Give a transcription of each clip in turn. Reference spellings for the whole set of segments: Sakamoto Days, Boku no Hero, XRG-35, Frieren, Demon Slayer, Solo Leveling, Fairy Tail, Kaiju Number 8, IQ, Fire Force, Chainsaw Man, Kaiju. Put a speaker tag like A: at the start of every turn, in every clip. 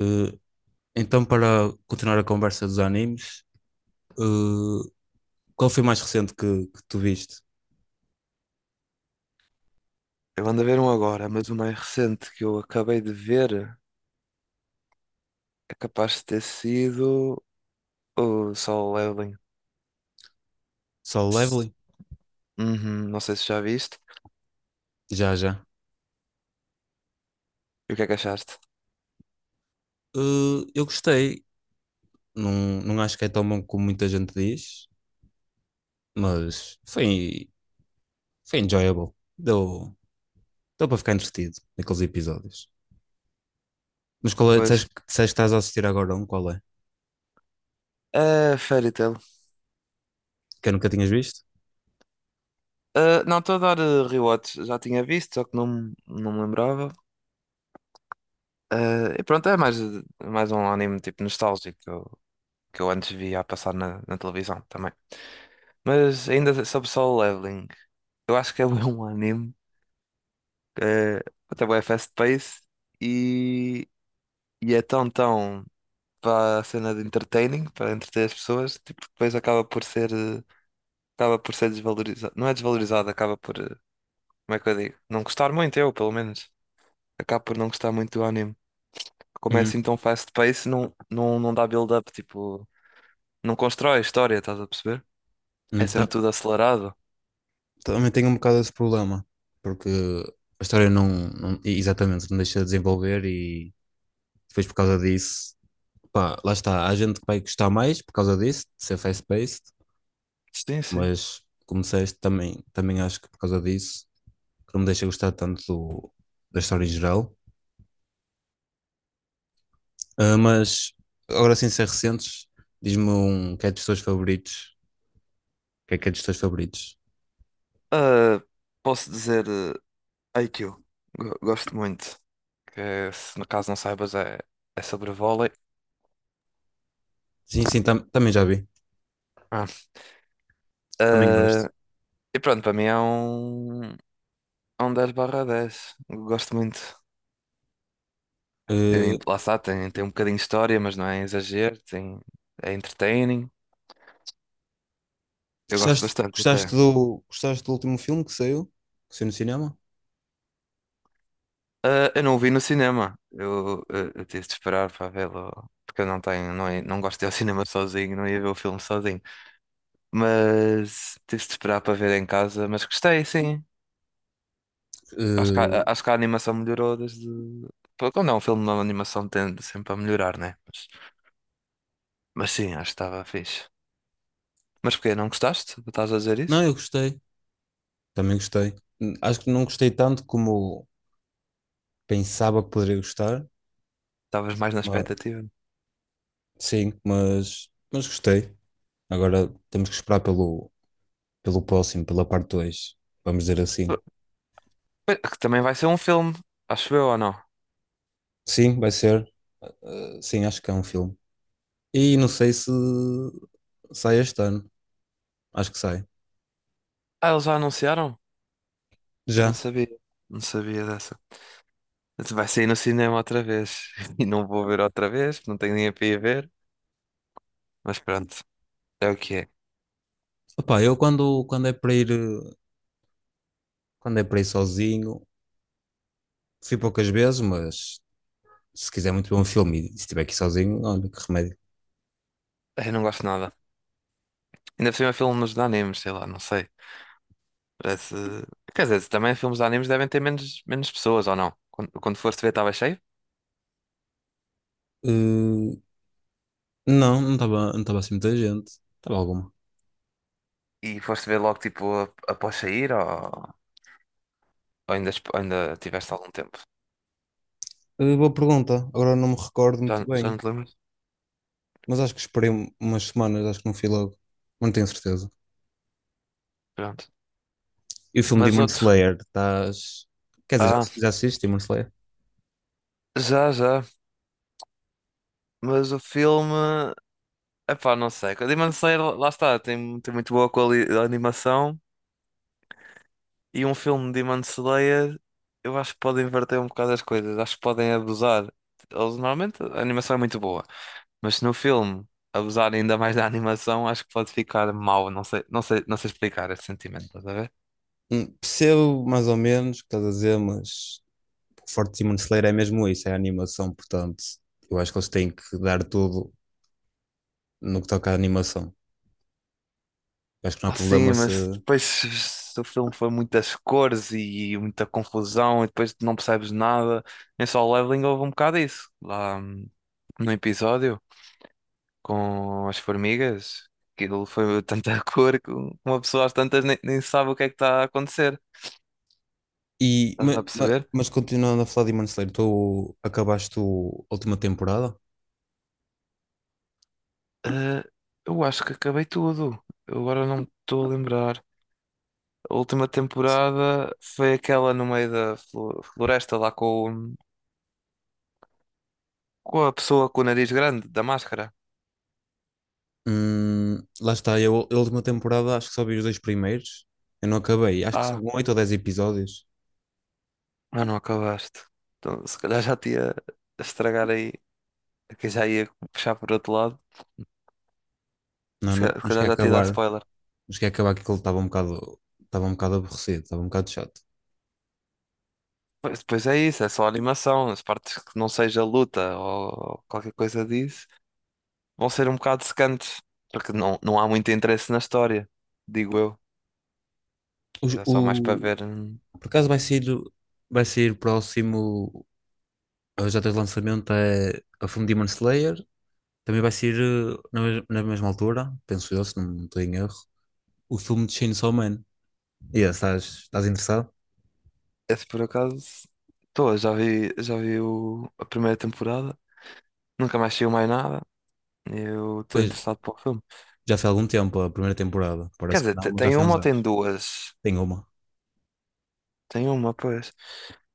A: Eh, Para continuar a conversa dos animes, eh, qual foi o mais recente que tu viste?
B: Eu ando a ver um agora, mas o mais recente que eu acabei de ver é capaz de ter sido o Sol Leveling.
A: Solo Leveling?
B: Uhum, não sei se já viste.
A: Já, já.
B: E o que é que achaste?
A: Eu gostei. Não, não acho que é tão bom como muita gente diz, mas foi, foi enjoyable. Deu, Deu para ficar entretido naqueles episódios. Mas qual é?
B: Pois.
A: Disseste que estás a assistir agora um? Qual é?
B: É, Fairy Tail.
A: Que eu nunca tinhas visto?
B: Ah, não, estou a dar rewatch. Já tinha visto, só que não me lembrava. Ah, e pronto, é mais um anime tipo nostálgico que eu antes via a passar na televisão também. Mas ainda sobre Solo Leveling, eu acho que é bué um anime. eh, Até bem fast-paced e E é tão para a cena de entertaining, para entreter as pessoas, tipo, depois acaba por ser, acaba por ser desvalorizado. Não é desvalorizado, acaba por, como é que eu digo? Não gostar muito, eu, pelo menos. Acaba por não gostar muito do anime. Como é
A: Hum,
B: assim tão fast pace, não dá build-up, tipo, não constrói a história, estás a perceber? É sempre
A: então,
B: tudo acelerado.
A: também tenho um bocado desse problema, porque a história não exatamente não deixa de desenvolver e depois, por causa disso, pá, lá está. Há gente que vai gostar mais por causa disso, de ser fast-paced,
B: Sim, sim.
A: mas como disseste, também acho que por causa disso, que não me deixa gostar tanto da história em geral. Ah, mas agora sem ser recentes, diz-me um que é dos teus favoritos. O que é dos teus favoritos?
B: Ah, posso dizer, IQ. Gosto muito. Que se no caso não saibas, é sobre vôlei.
A: Sim, sim, também já vi. Também gosto.
B: Ah. E pronto, para mim é um 10/10. Eu gosto muito. Tem,
A: Eh,
B: lá está, tem um bocadinho de história, mas não é exagero. Tem, é entertaining. Eu gosto
A: Gostaste,
B: bastante até.
A: gostaste do último filme que saiu? Que saiu no cinema?
B: Ah, eu não o vi no cinema. Eu tive de esperar para vê-lo. Porque eu não tenho, não, não gosto de ir ao cinema sozinho, não ia ver o filme sozinho. Mas tive de esperar para ver em casa. Mas gostei, sim.
A: Eh,
B: Acho que a animação melhorou desde. Pô, quando é um filme, uma animação tende sempre a melhorar, né? Mas sim, acho que estava fixe. Mas porquê? Não gostaste? Estás a dizer
A: não,
B: isso?
A: eu gostei. Também gostei. Acho que não gostei tanto como pensava que poderia gostar.
B: Estavas mais na
A: mas-
B: expectativa.
A: sim, mas gostei. Agora temos que esperar pelo, pelo próximo, pela parte dois. Vamos dizer assim.
B: Pois. Que também vai ser um filme, acho eu ou não?
A: Sim, vai ser. Sim, acho que é um filme. E não sei se sai este ano. Acho que sai.
B: Ah, eles já anunciaram? Eu não
A: Já.
B: sabia. Não sabia dessa. Vai sair no cinema outra vez. E não vou ver outra vez, não tenho nem a para ir ver. Mas pronto, é o que é.
A: Opá, eu quando é para ir, quando é para ir sozinho, fui poucas vezes, mas se quiser muito bom filme e se estiver aqui sozinho, olha que remédio.
B: Eu não gosto de nada. Ainda por cima é filmes de animes, sei lá, não sei. Parece. Quer dizer, também filmes de animes devem ter menos, menos pessoas ou não? Quando foste ver, estava cheio?
A: Uh, não, não estava assim muita gente. Estava alguma.
B: E foste ver logo tipo após sair ou, ainda, ainda tiveste algum tempo?
A: Boa pergunta. Agora não me recordo muito
B: Já, já
A: bem,
B: não te lembras?
A: mas acho que esperei umas semanas, acho que não fui logo. Mas não tenho certeza.
B: Pronto.
A: E o filme
B: Mas
A: Demon
B: outro.
A: Slayer, estás. Quer dizer,
B: Ah,
A: já assististe Demon Slayer?
B: já, já. Mas o filme. Epá, não sei. O Demon Slayer, lá está, tem muito boa animação. E um filme de Demon Slayer, eu acho que pode inverter um bocado as coisas. Acho que podem abusar. Eles, normalmente a animação é muito boa. Mas se no filme abusar ainda mais da animação, acho que pode ficar mau. Não sei explicar esse sentimento, estás a ver?
A: Percebo mais ou menos o que estás a dizer, mas o forte Demon Slayer é mesmo isso, é a animação, portanto, eu acho que eles têm que dar tudo no que toca à animação. Eu acho que não há
B: Ah,
A: problema
B: sim,
A: se.
B: mas depois se o filme foi muitas cores e muita confusão e depois não percebes nada. Em Solo Leveling houve um bocado isso. Lá, no episódio com as formigas, aquilo foi tanta cor que uma pessoa às tantas nem sabe o que é que está a acontecer.
A: E,
B: Estás-me a perceber?
A: mas, continuando a falar de Demon Slayer, tu acabaste a última temporada?
B: Ah, eu acho que acabei tudo. Eu agora não me estou a lembrar. A última temporada foi aquela no meio da floresta lá com com a pessoa com o nariz grande, da máscara.
A: Lá está, eu a última temporada acho que só vi os dois primeiros. Eu não acabei, acho que são
B: Ah,
A: oito ou dez episódios.
B: Ah, não acabaste. Então, se calhar já te ia estragar aí, que já ia puxar por outro lado.
A: Não,
B: Se
A: não,
B: calhar, se
A: não cheguei
B: calhar
A: a
B: já te ia dar
A: acabar.
B: spoiler.
A: Não cheguei a acabar que aquilo estava um bocado aborrecido, estava um bocado chato.
B: Pois, depois é isso, é só animação. As partes que não seja luta ou qualquer coisa disso vão ser um bocado secantes, porque não há muito interesse na história, digo eu.
A: Os-
B: Que é só mais para
A: O,
B: ver. Hum.
A: Por acaso vai sair o próximo já de lançamento é a From Demon Slayer. Também vai sair na mesma altura, penso eu, se não estou em erro, o filme de Chainsaw Man. E yeah, estás interessado?
B: Esse por acaso, estou, já vi a primeira temporada, nunca mais saiu mais nada. Eu estou
A: Pois,
B: interessado para o filme.
A: já foi há algum tempo a primeira temporada.
B: Quer
A: Parece que
B: dizer,
A: não, mas já
B: tem
A: foi há
B: uma
A: uns
B: ou tem
A: anos.
B: duas?
A: Tem uma.
B: Tem uma, pois.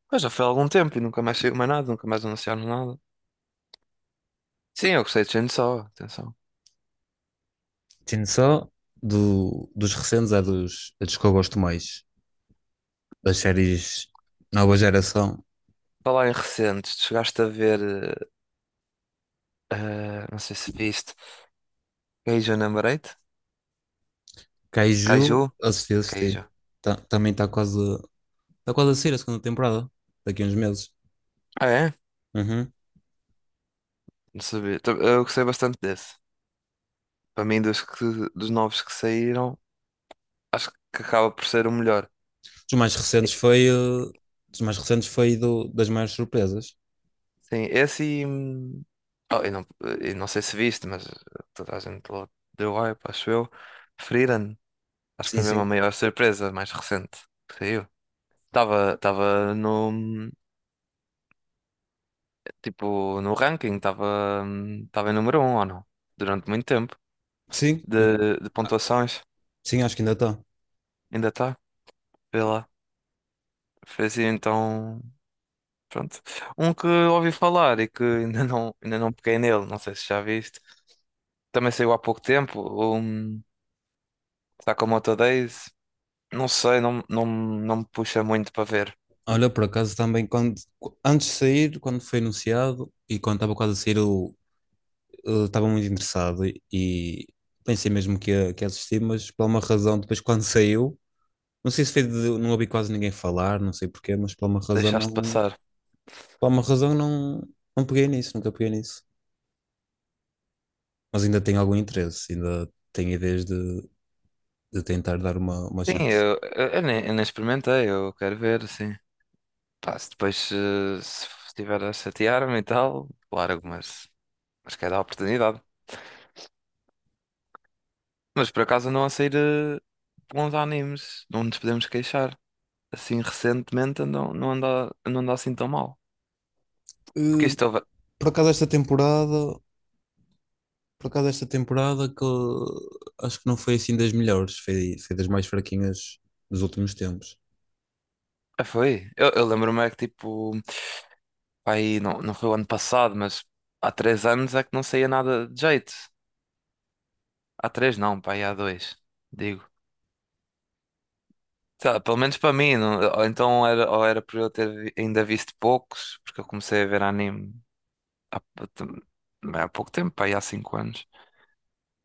B: Pois já foi há algum tempo e nunca mais saiu mais nada, nunca mais anunciaram nada. Sim, eu gostei de gente só, atenção.
A: Chainsaw, dos recentes, é dos que eu gosto mais. Das séries Nova Geração.
B: Falar em recentes, tu chegaste a ver, não sei se viste, Kaiju Number 8? Kaiju?
A: Kaiju, assisti,
B: Kaiju.
A: assisti. Também está quase. Está quase a sair a segunda temporada, daqui a uns meses.
B: Ah, é?
A: Uhum.
B: Não sabia. Eu gostei bastante desse. Para mim, dos novos que saíram, acho que acaba por ser o melhor.
A: Dos mais
B: E-
A: recentes foi, eh, Dos mais recentes foi das maiores surpresas.
B: Sim, esse e. Oh, eu não, eu não sei se viste, mas toda a gente deu hype, acho eu. Frieren. Acho que
A: Sim,
B: foi mesmo a
A: sim.
B: maior surpresa mais recente que saiu. Estava no tipo no ranking, estava em número um, ou não? Durante muito tempo
A: Sim, e-
B: de pontuações.
A: sim, acho que ainda está.
B: Ainda está, vê lá. Fez então, pronto. Um que ouvi falar e que ainda não peguei nele, não sei se já viste. Também saiu há pouco tempo, Sakamoto Days. Não sei, não me puxa muito para ver.
A: Olha, por acaso também, antes de sair, quando foi anunciado e quando estava quase a sair, eu estava muito interessado e pensei mesmo que ia assistir, mas por uma razão, depois quando saiu, não sei se foi de, não ouvi quase ninguém falar, não sei porquê, mas
B: Deixaste passar.
A: por uma razão não, não peguei nisso, nunca peguei nisso. Mas ainda tenho algum interesse, ainda tenho ideias de tentar dar uma
B: Sim,
A: chance.
B: eu nem experimentei, eu quero ver, sim. Pá, se depois se, se estiver a chatear-me e tal, claro, mas quer dar a oportunidade. Mas por acaso andam a sair bons animes, não nos podemos queixar. Assim, recentemente andam, não anda assim tão mal. Porque
A: Eh,
B: isto
A: por acaso esta temporada, por acaso esta temporada que acho que não foi assim das melhores, foi das mais fraquinhas dos últimos tempos.
B: ah, foi. Eu lembro-me é que tipo, pá, aí não foi o ano passado, mas há 3 anos é que não saía nada de jeito. Há três não, pá, aí há dois, digo. Sei lá, pelo menos para mim, ou então era, ou era por eu ter ainda visto poucos, porque eu comecei a ver anime. Há, também há pouco tempo, pá, aí há 5 anos.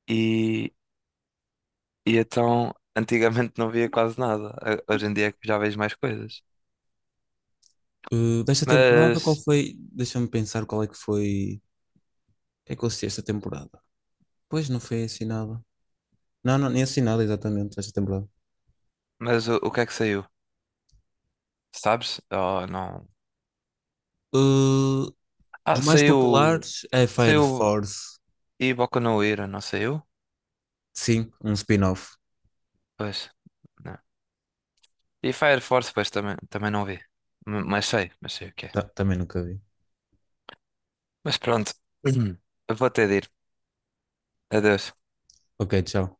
B: E, e então, antigamente não via quase nada. Hoje em dia é que já vejo mais coisas.
A: Eh, desta temporada, qual
B: Mas,
A: foi? Deixa-me pensar qual é que foi. Que é que eu assisti esta temporada? Pois não foi assinada. Não, não, nem assinada exatamente esta temporada.
B: mas o que é que saiu? Sabes? Oh, não.
A: Uh,
B: Ah,
A: dos mais
B: saiu.
A: populares é Fire
B: Saiu
A: Force.
B: e Boku no Hero, não saiu?
A: Sim, um spin-off.
B: Pois. Não. E Fire Force, pois também não vi. Mas sei o que é.
A: Também nunca vi.
B: Mas pronto. Vou ter de ir. Adeus.
A: Ok, tchau.